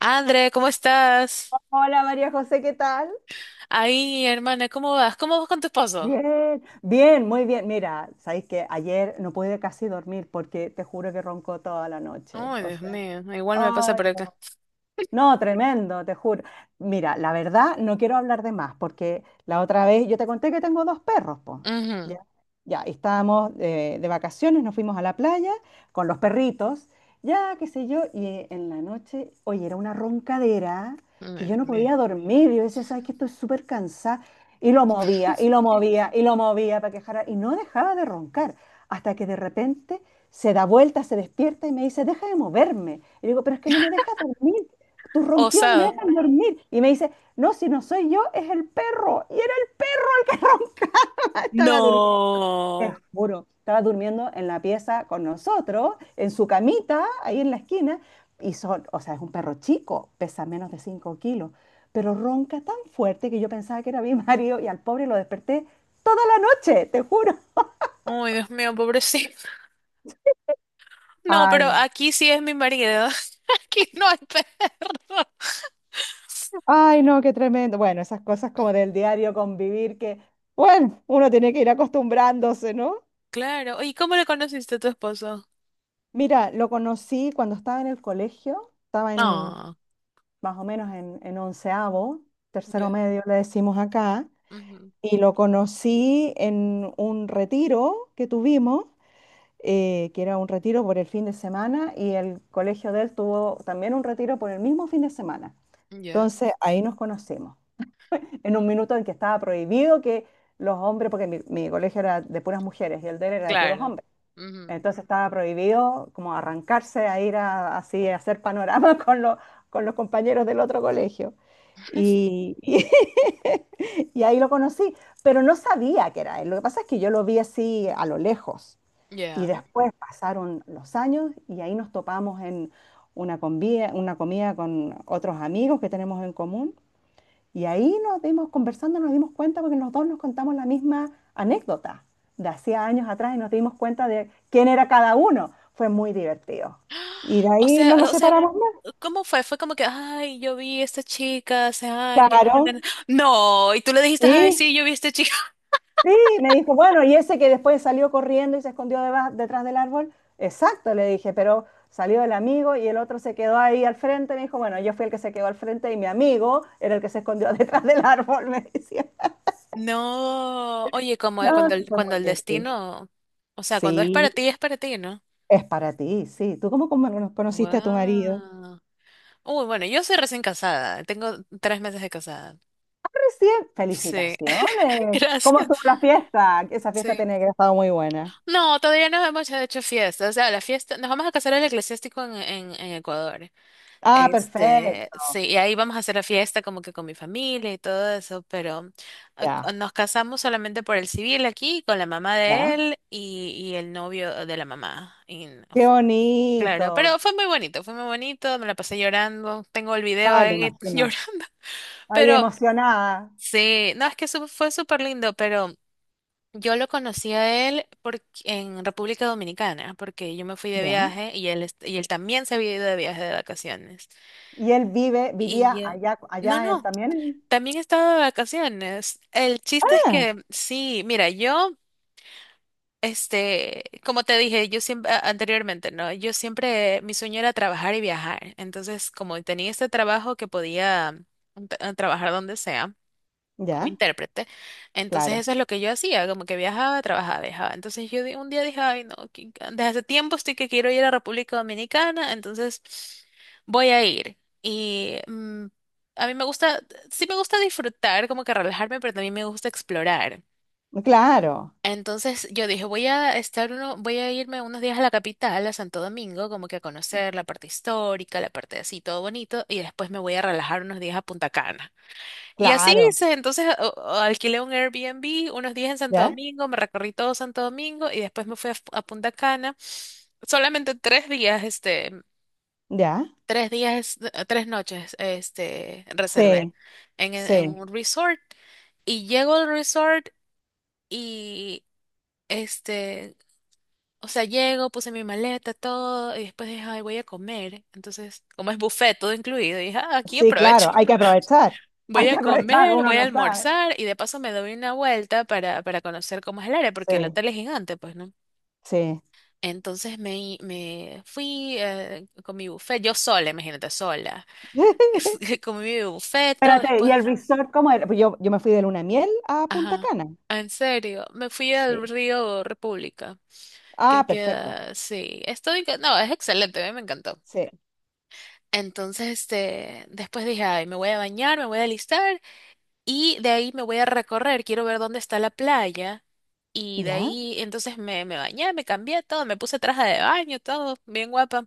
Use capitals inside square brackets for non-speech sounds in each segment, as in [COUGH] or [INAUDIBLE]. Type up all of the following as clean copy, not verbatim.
André, ¿cómo estás? Hola María José, ¿qué tal? Ahí, hermana, ¿cómo vas? ¿Cómo vas con tu esposo? Bien, bien, muy bien. Mira, sabéis que ayer no pude casi dormir porque te juro que roncó toda la noche. Ay, O Dios sea, mío, igual me pasa ay. por acá. No, tremendo, te juro. Mira, la verdad no quiero hablar de más, porque la otra vez yo te conté que tengo dos perros, pues. Ujú. Ya, ya, y estábamos de vacaciones, nos fuimos a la playa con los perritos, ya, qué sé yo, y en la noche, oye, era una roncadera Ay, que yo Dios no mío. podía dormir. Yo decía, ¿sabes que Estoy súper cansada. Y lo movía, y lo movía, y lo movía para que dejara, y no dejaba de roncar, hasta que de repente se da vuelta, se despierta y me dice, deja de moverme. Y digo, pero es que no me deja dormir, tus ronquidos no me Osado. dejan dormir. Y me dice, no, si no soy yo, es el perro. Y era el que [LAUGHS] roncaba, estaba durmiendo, te No. juro, estaba durmiendo en la pieza con nosotros, en su camita, ahí en la esquina, y son, o sea, es un perro chico, pesa menos de 5 kilos, pero ronca tan fuerte que yo pensaba que era mi [LAUGHS] marido y al pobre lo desperté toda la noche, te juro. Ay, Dios mío, pobrecito. No, pero Ay, aquí sí es mi marido. [LAUGHS] Aquí no hay perro. ay, no, qué tremendo. Bueno, esas cosas como del diario convivir que, bueno, uno tiene que ir acostumbrándose, ¿no? Claro. ¿Y cómo le conociste a tu esposo? Mira, lo conocí cuando estaba en el colegio, estaba en Ah, más o menos en onceavo, tercero ya. medio le decimos acá, Ujú. y lo conocí en un retiro que tuvimos, que era un retiro por el fin de semana, y el colegio de él tuvo también un retiro por el mismo fin de semana. Ya. Entonces ahí nos conocimos, en un minuto en que estaba prohibido que los hombres, porque mi colegio era de puras mujeres y el de él era de puros Claro. hombres. Ujú. Entonces estaba prohibido como arrancarse a ir a, así a hacer panorama [LAUGHS] con los compañeros del otro colegio. Y, y- [LAUGHS] y ahí lo conocí, pero no sabía que era él. Lo que pasa es que yo lo vi así a lo lejos. Y Ya. después pasaron los años y ahí nos topamos en una comida con otros amigos que tenemos en común. Y ahí nos dimos, conversando, nos dimos cuenta porque los dos nos contamos la misma anécdota de hacía años atrás y nos dimos cuenta de quién era cada uno. Fue muy divertido. Y de [GASPS] O ahí no sea, nos o sea, separamos más. ¿cómo fue? Fue como que, ay, yo vi a esta chica hace años. Claro, [LAUGHS] No, y tú le dijiste, ay, sí, sí, yo vi a esta chica. [LAUGHS] sí, me dijo, bueno, ¿y ese que después salió corriendo y se escondió detrás del árbol? Exacto, le dije, pero salió el amigo y el otro se quedó ahí al frente, me dijo, bueno, yo fui el que se quedó al frente y mi amigo era el que se escondió [LAUGHS] detrás del árbol, me decía. No, oye, como No, cuando sí el, fue cuando muy el divertido. destino, o sea, cuando Sí, es para ti, ¿no? es para ti, sí. ¿Tú cómo, cómo no conociste a tu marido? Wow. Uy, bueno, yo soy recién casada, tengo 3 meses de casada. Recién. Sí, [LAUGHS] Felicitaciones. ¿Cómo gracias. estuvo la fiesta? Esa Sí. fiesta tenía que haber estado muy buena. No, todavía no hemos hecho fiesta, o sea, la fiesta, nos vamos a casar el eclesiástico en Ecuador. Ah, perfecto. Sí, y ahí vamos a hacer la fiesta como que con mi familia y todo eso, pero Ya, nos casamos solamente por el civil aquí, con la mamá de ya. él y el novio de la mamá. Y no Qué fu- Claro, bonito. pero fue muy bonito, me la pasé llorando, tengo el video Ay, me ahí [LAUGHS] imagino. llorando, Ay, pero emocionada. sí, no, es que fue súper lindo, pero yo lo conocí a él en República Dominicana, porque yo me fui de Ya. viaje y él también se había ido de viaje de vacaciones. Y él vive, Y vivía ya. allá, No, allá no. también. También estaba de vacaciones. El chiste es Ah, que sí, mira, yo, como te dije, yo siempre anteriormente, ¿no? Yo siempre, mi sueño era trabajar y viajar. Entonces, como tenía este trabajo que podía trabajar donde sea como ya, intérprete. Entonces claro. eso es lo que yo hacía, como que viajaba, trabajaba, viajaba. Entonces un día dije, ay, no, desde hace tiempo estoy que quiero ir a República Dominicana, entonces voy a ir. Y a mí me gusta, sí me gusta disfrutar, como que relajarme, pero también me gusta explorar. Claro, Entonces yo dije, voy a irme unos días a la capital, a Santo Domingo, como que a conocer la parte histórica, la parte así, todo bonito, y después me voy a relajar unos días a Punta Cana. Y así claro. hice, entonces o alquilé un Airbnb unos días en Santo Ya, Domingo, me recorrí todo Santo Domingo y después me fui a Punta Cana. Solamente 3 días, ya. 3 días, 3 noches, reservé Sí, en sí. un resort. Y llego al resort y, este, o sea, llego, puse mi maleta, todo, y después dije, ay, voy a comer. Entonces, como es buffet, todo incluido, dije, ah, aquí Sí, aprovecho. claro. Hay que aprovechar. Hay Voy que a aprovechar, comer, uno voy a no sabe. almorzar y de paso me doy una vuelta para conocer cómo es el área, porque el Sí, hotel es gigante, pues, ¿no? sí. Entonces me fui con mi buffet, yo sola, imagínate, sola. [LAUGHS] Comí mi buffet, todo, Espérate, ¿y el después, resort cómo era? Pues yo me fui de luna de miel a Punta ajá, Cana. ah, en serio, me fui al Sí. río República, Ah, que perfecto. queda, sí, no, es excelente, a mí me encantó. Sí. Entonces, después dije, ay, me voy a bañar, me voy a alistar. Y de ahí me voy a recorrer, quiero ver dónde está la playa. Y de ¿Ya? ahí entonces me bañé, me cambié todo, me puse traje de baño, todo, bien guapa.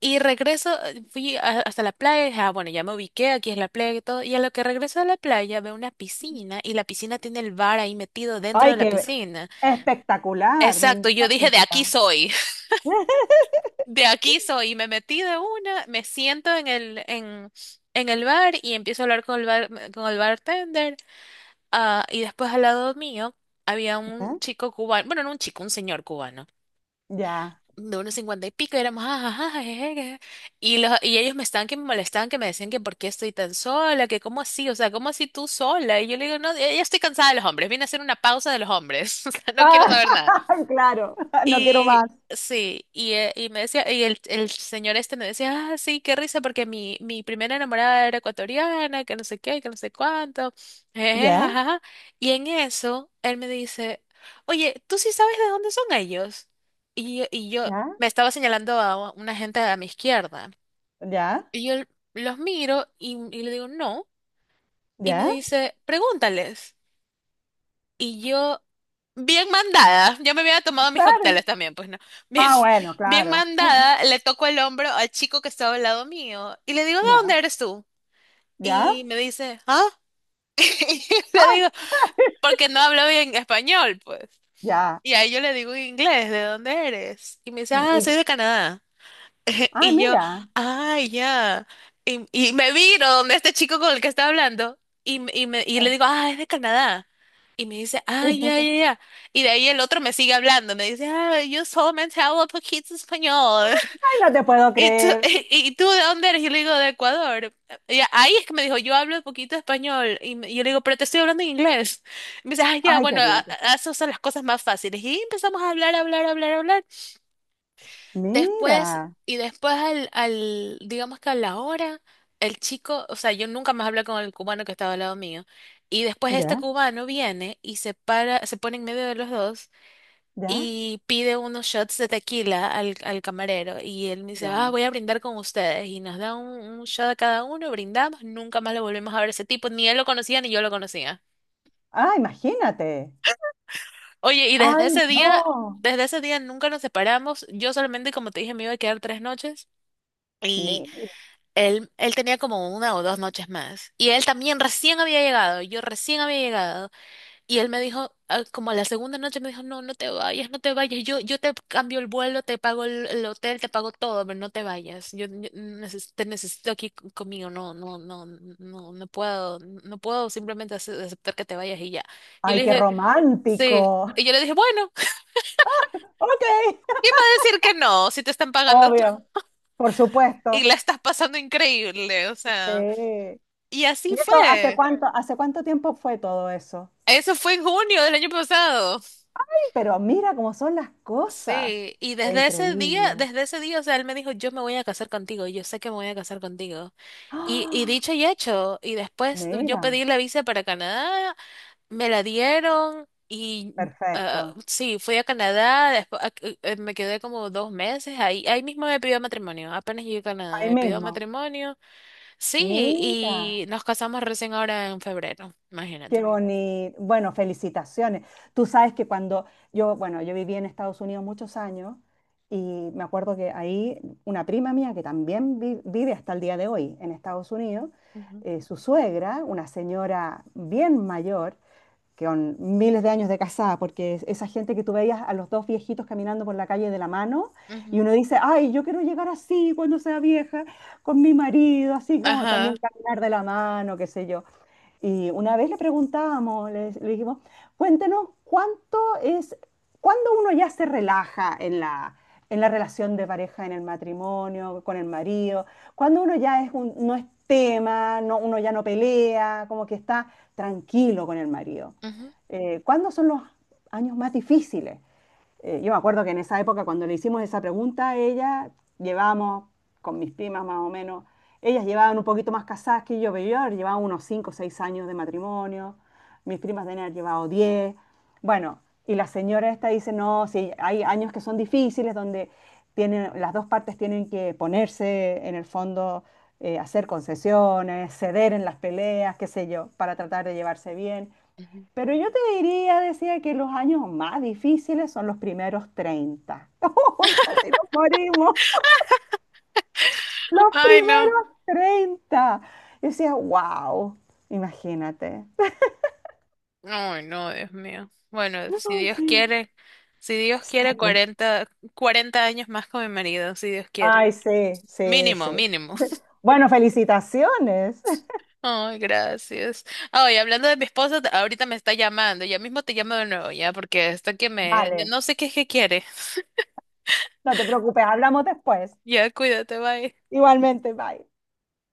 Y regreso, fui hasta la playa, dije, ah, bueno, ya me ubiqué, aquí es la playa y todo. Y a lo que regreso a la playa veo una piscina y la piscina tiene el bar ahí metido dentro Ay, de la qué piscina. espectacular, me Exacto, yo dije, de aquí encanta. soy, [LAUGHS] [LAUGHS] de aquí soy. Y me metí de una, me siento en el bar y empiezo a hablar con el bar, con el bartender. Ah, y después al lado mío había un ¿Ya? chico cubano, bueno, no un chico, un señor cubano, Ya. de unos cincuenta y pico, y éramos, "Ah, ah, ah, eh". Y ellos me estaban que me molestaban, que me decían que por qué estoy tan sola, que cómo así, o sea, cómo así tú sola, y yo le digo, no, ya ya estoy cansada de los hombres, vine a hacer una pausa de los hombres, [LAUGHS] o sea, no Ah, quiero saber nada. [LAUGHS] claro, no quiero más. Y sí, y me decía, y el señor este me decía, ah, sí, qué risa, porque mi primera enamorada era ecuatoriana, que no sé qué, que no sé cuánto, jeje, ¿Ya? jajaja. Y en eso, él me dice, oye, ¿tú sí sabes de dónde son ellos? Y yo ¿Ya? me estaba señalando a una gente a mi izquierda. ¿Ya? Y yo los miro y le digo, no. Y me ¿Ya? dice, pregúntales. Y yo bien mandada, yo me había tomado mis Claro. cócteles también, pues no. Bien, Ah, bueno, [LAUGHS] bien claro. mandada, le toco el hombro al chico que estaba al lado mío y le digo, ¿de dónde ¿Ya? eres tú? ¿Ya? Y me dice, ¿ah? [LAUGHS] Y le Ah, digo, porque no hablo bien español, pues. ya. Y ahí yo le digo en inglés, ¿de dónde eres? Y me dice, ah, Y- soy de Canadá. [LAUGHS] ah, Y yo, mira. ay, ya. Y me viro donde este chico con el que estaba hablando y le Eh, digo, ah, es de Canadá. Y me dice, ay, ya, Entonces, ya, ya. Y de ahí el otro me sigue hablando, me dice, ah, yo solamente hablo poquito español. ay, no te puedo [LAUGHS] ¿Y tú, creer. y, y tú de dónde eres? Yo le digo, de Ecuador. Y ahí es que me dijo, yo hablo poquito español. Yo le digo, pero te estoy hablando en inglés. Y me dice, ah, ya, Ay, qué bueno, divertido. Esas son las cosas más fáciles. Y empezamos a hablar, hablar, hablar, hablar. Después, Mira. y después al, digamos que a la hora, el chico, o sea, yo nunca más hablé con el cubano que estaba al lado mío. Y después este ¿Ya? cubano viene y se para, se pone en medio de los dos ¿Ya? y pide unos shots de tequila al camarero. Y él me dice, ah, Mira. voy a brindar con ustedes. Y nos da un shot a cada uno, brindamos, nunca más lo volvimos a ver a ese tipo. Ni él lo conocía ni yo lo conocía. Ah, imagínate. Oye, y Ay, no. desde ese día nunca nos separamos. Yo solamente, como te dije, me iba a quedar 3 noches. Y Mira. él tenía como 1 o 2 noches más. Y él también recién había llegado, yo recién había llegado. Y él me dijo, ah, como la segunda noche me dijo, no, no te vayas, no te vayas. Yo te cambio el vuelo, te pago el hotel, te pago todo, pero no te vayas. Yo te necesito aquí conmigo. No, no, no, no, no puedo, no puedo simplemente aceptar que te vayas y ya. Yo Ay, le qué dije, sí. romántico. Y yo le dije, bueno, [LAUGHS] ¿cómo [LAUGHS] Ok. vas a decir que no, si te están pagando tú Obvio. Por y supuesto. la estás pasando increíble, o Sí. sea? Y así ¿Y eso fue. Hace cuánto tiempo fue todo eso? Eso fue en junio del año pasado. Sí, pero mira cómo son las cosas. Sí, y Fue increíble. desde ese día, o sea, él me dijo, yo me voy a casar contigo, yo sé que me voy a casar contigo. [GASPS] Y ¡Ah! dicho y hecho, y después yo Mira. pedí la visa para Canadá, me la dieron y Perfecto. sí, fui a Canadá, después me quedé como 2 meses, ahí mismo me pidió matrimonio, apenas llegué a Canadá, Ahí me pidió mismo. matrimonio, sí, Mira. y nos casamos recién ahora en febrero, Qué imagínate. bonito. Bueno, felicitaciones. Tú sabes que cuando yo, bueno, yo viví en Estados Unidos muchos años y me acuerdo que ahí una prima mía que también vive hasta el día de hoy en Estados Unidos, Ujú, su suegra, una señora bien mayor, que con miles de años de casada, porque esa gente que tú veías a los dos viejitos caminando por la calle de la mano y ujú. uno dice, ay, yo quiero llegar así cuando sea vieja, con mi marido, así como Ajá. también caminar de la mano, qué sé yo. Y una vez le preguntábamos, le dijimos, cuéntenos cuánto es, cuándo uno ya se relaja en la relación de pareja, en el matrimonio, con el marido, cuando uno ya no es tema, no, uno ya no pelea, como que está tranquilo con el marido. Ujú, ¿Cuándo son los años más difíciles? Yo me acuerdo que en esa época, cuando le hicimos esa pregunta, ella llevábamos, con mis primas más o menos, ellas llevaban un poquito más casadas que yo, pero yo llevaba unos 5 o 6 años de matrimonio, mis primas deben haber llevado 10. Bueno, y la señora esta dice, no, sí, hay años que son difíciles donde tienen, las dos partes tienen que ponerse en el fondo, hacer concesiones, ceder en las peleas, qué sé yo, para tratar de llevarse bien. ujú. Pero yo te diría, decía que los años más difíciles son los primeros 30. [LAUGHS] ¡Uy, casi nos morimos! [LAUGHS] Los Ay, no. primeros 30. Yo decía, wow, imagínate. Ay, no, Dios mío. Bueno, si Dios quiere, si Dios Sí, quiere po. cuarenta años más con mi marido, si Dios quiere. Ay, sí, sí, Mínimo, sí. mínimo. [LAUGHS] Bueno, felicitaciones. [LAUGHS] Ay, gracias. Ay, hablando de mi esposa, ahorita me está llamando. Ya mismo te llamo de nuevo, ya, porque hasta que me. Vale, No sé qué es que quiere. no te preocupes, hablamos después. Ya, cuídate, bye. Igualmente, bye.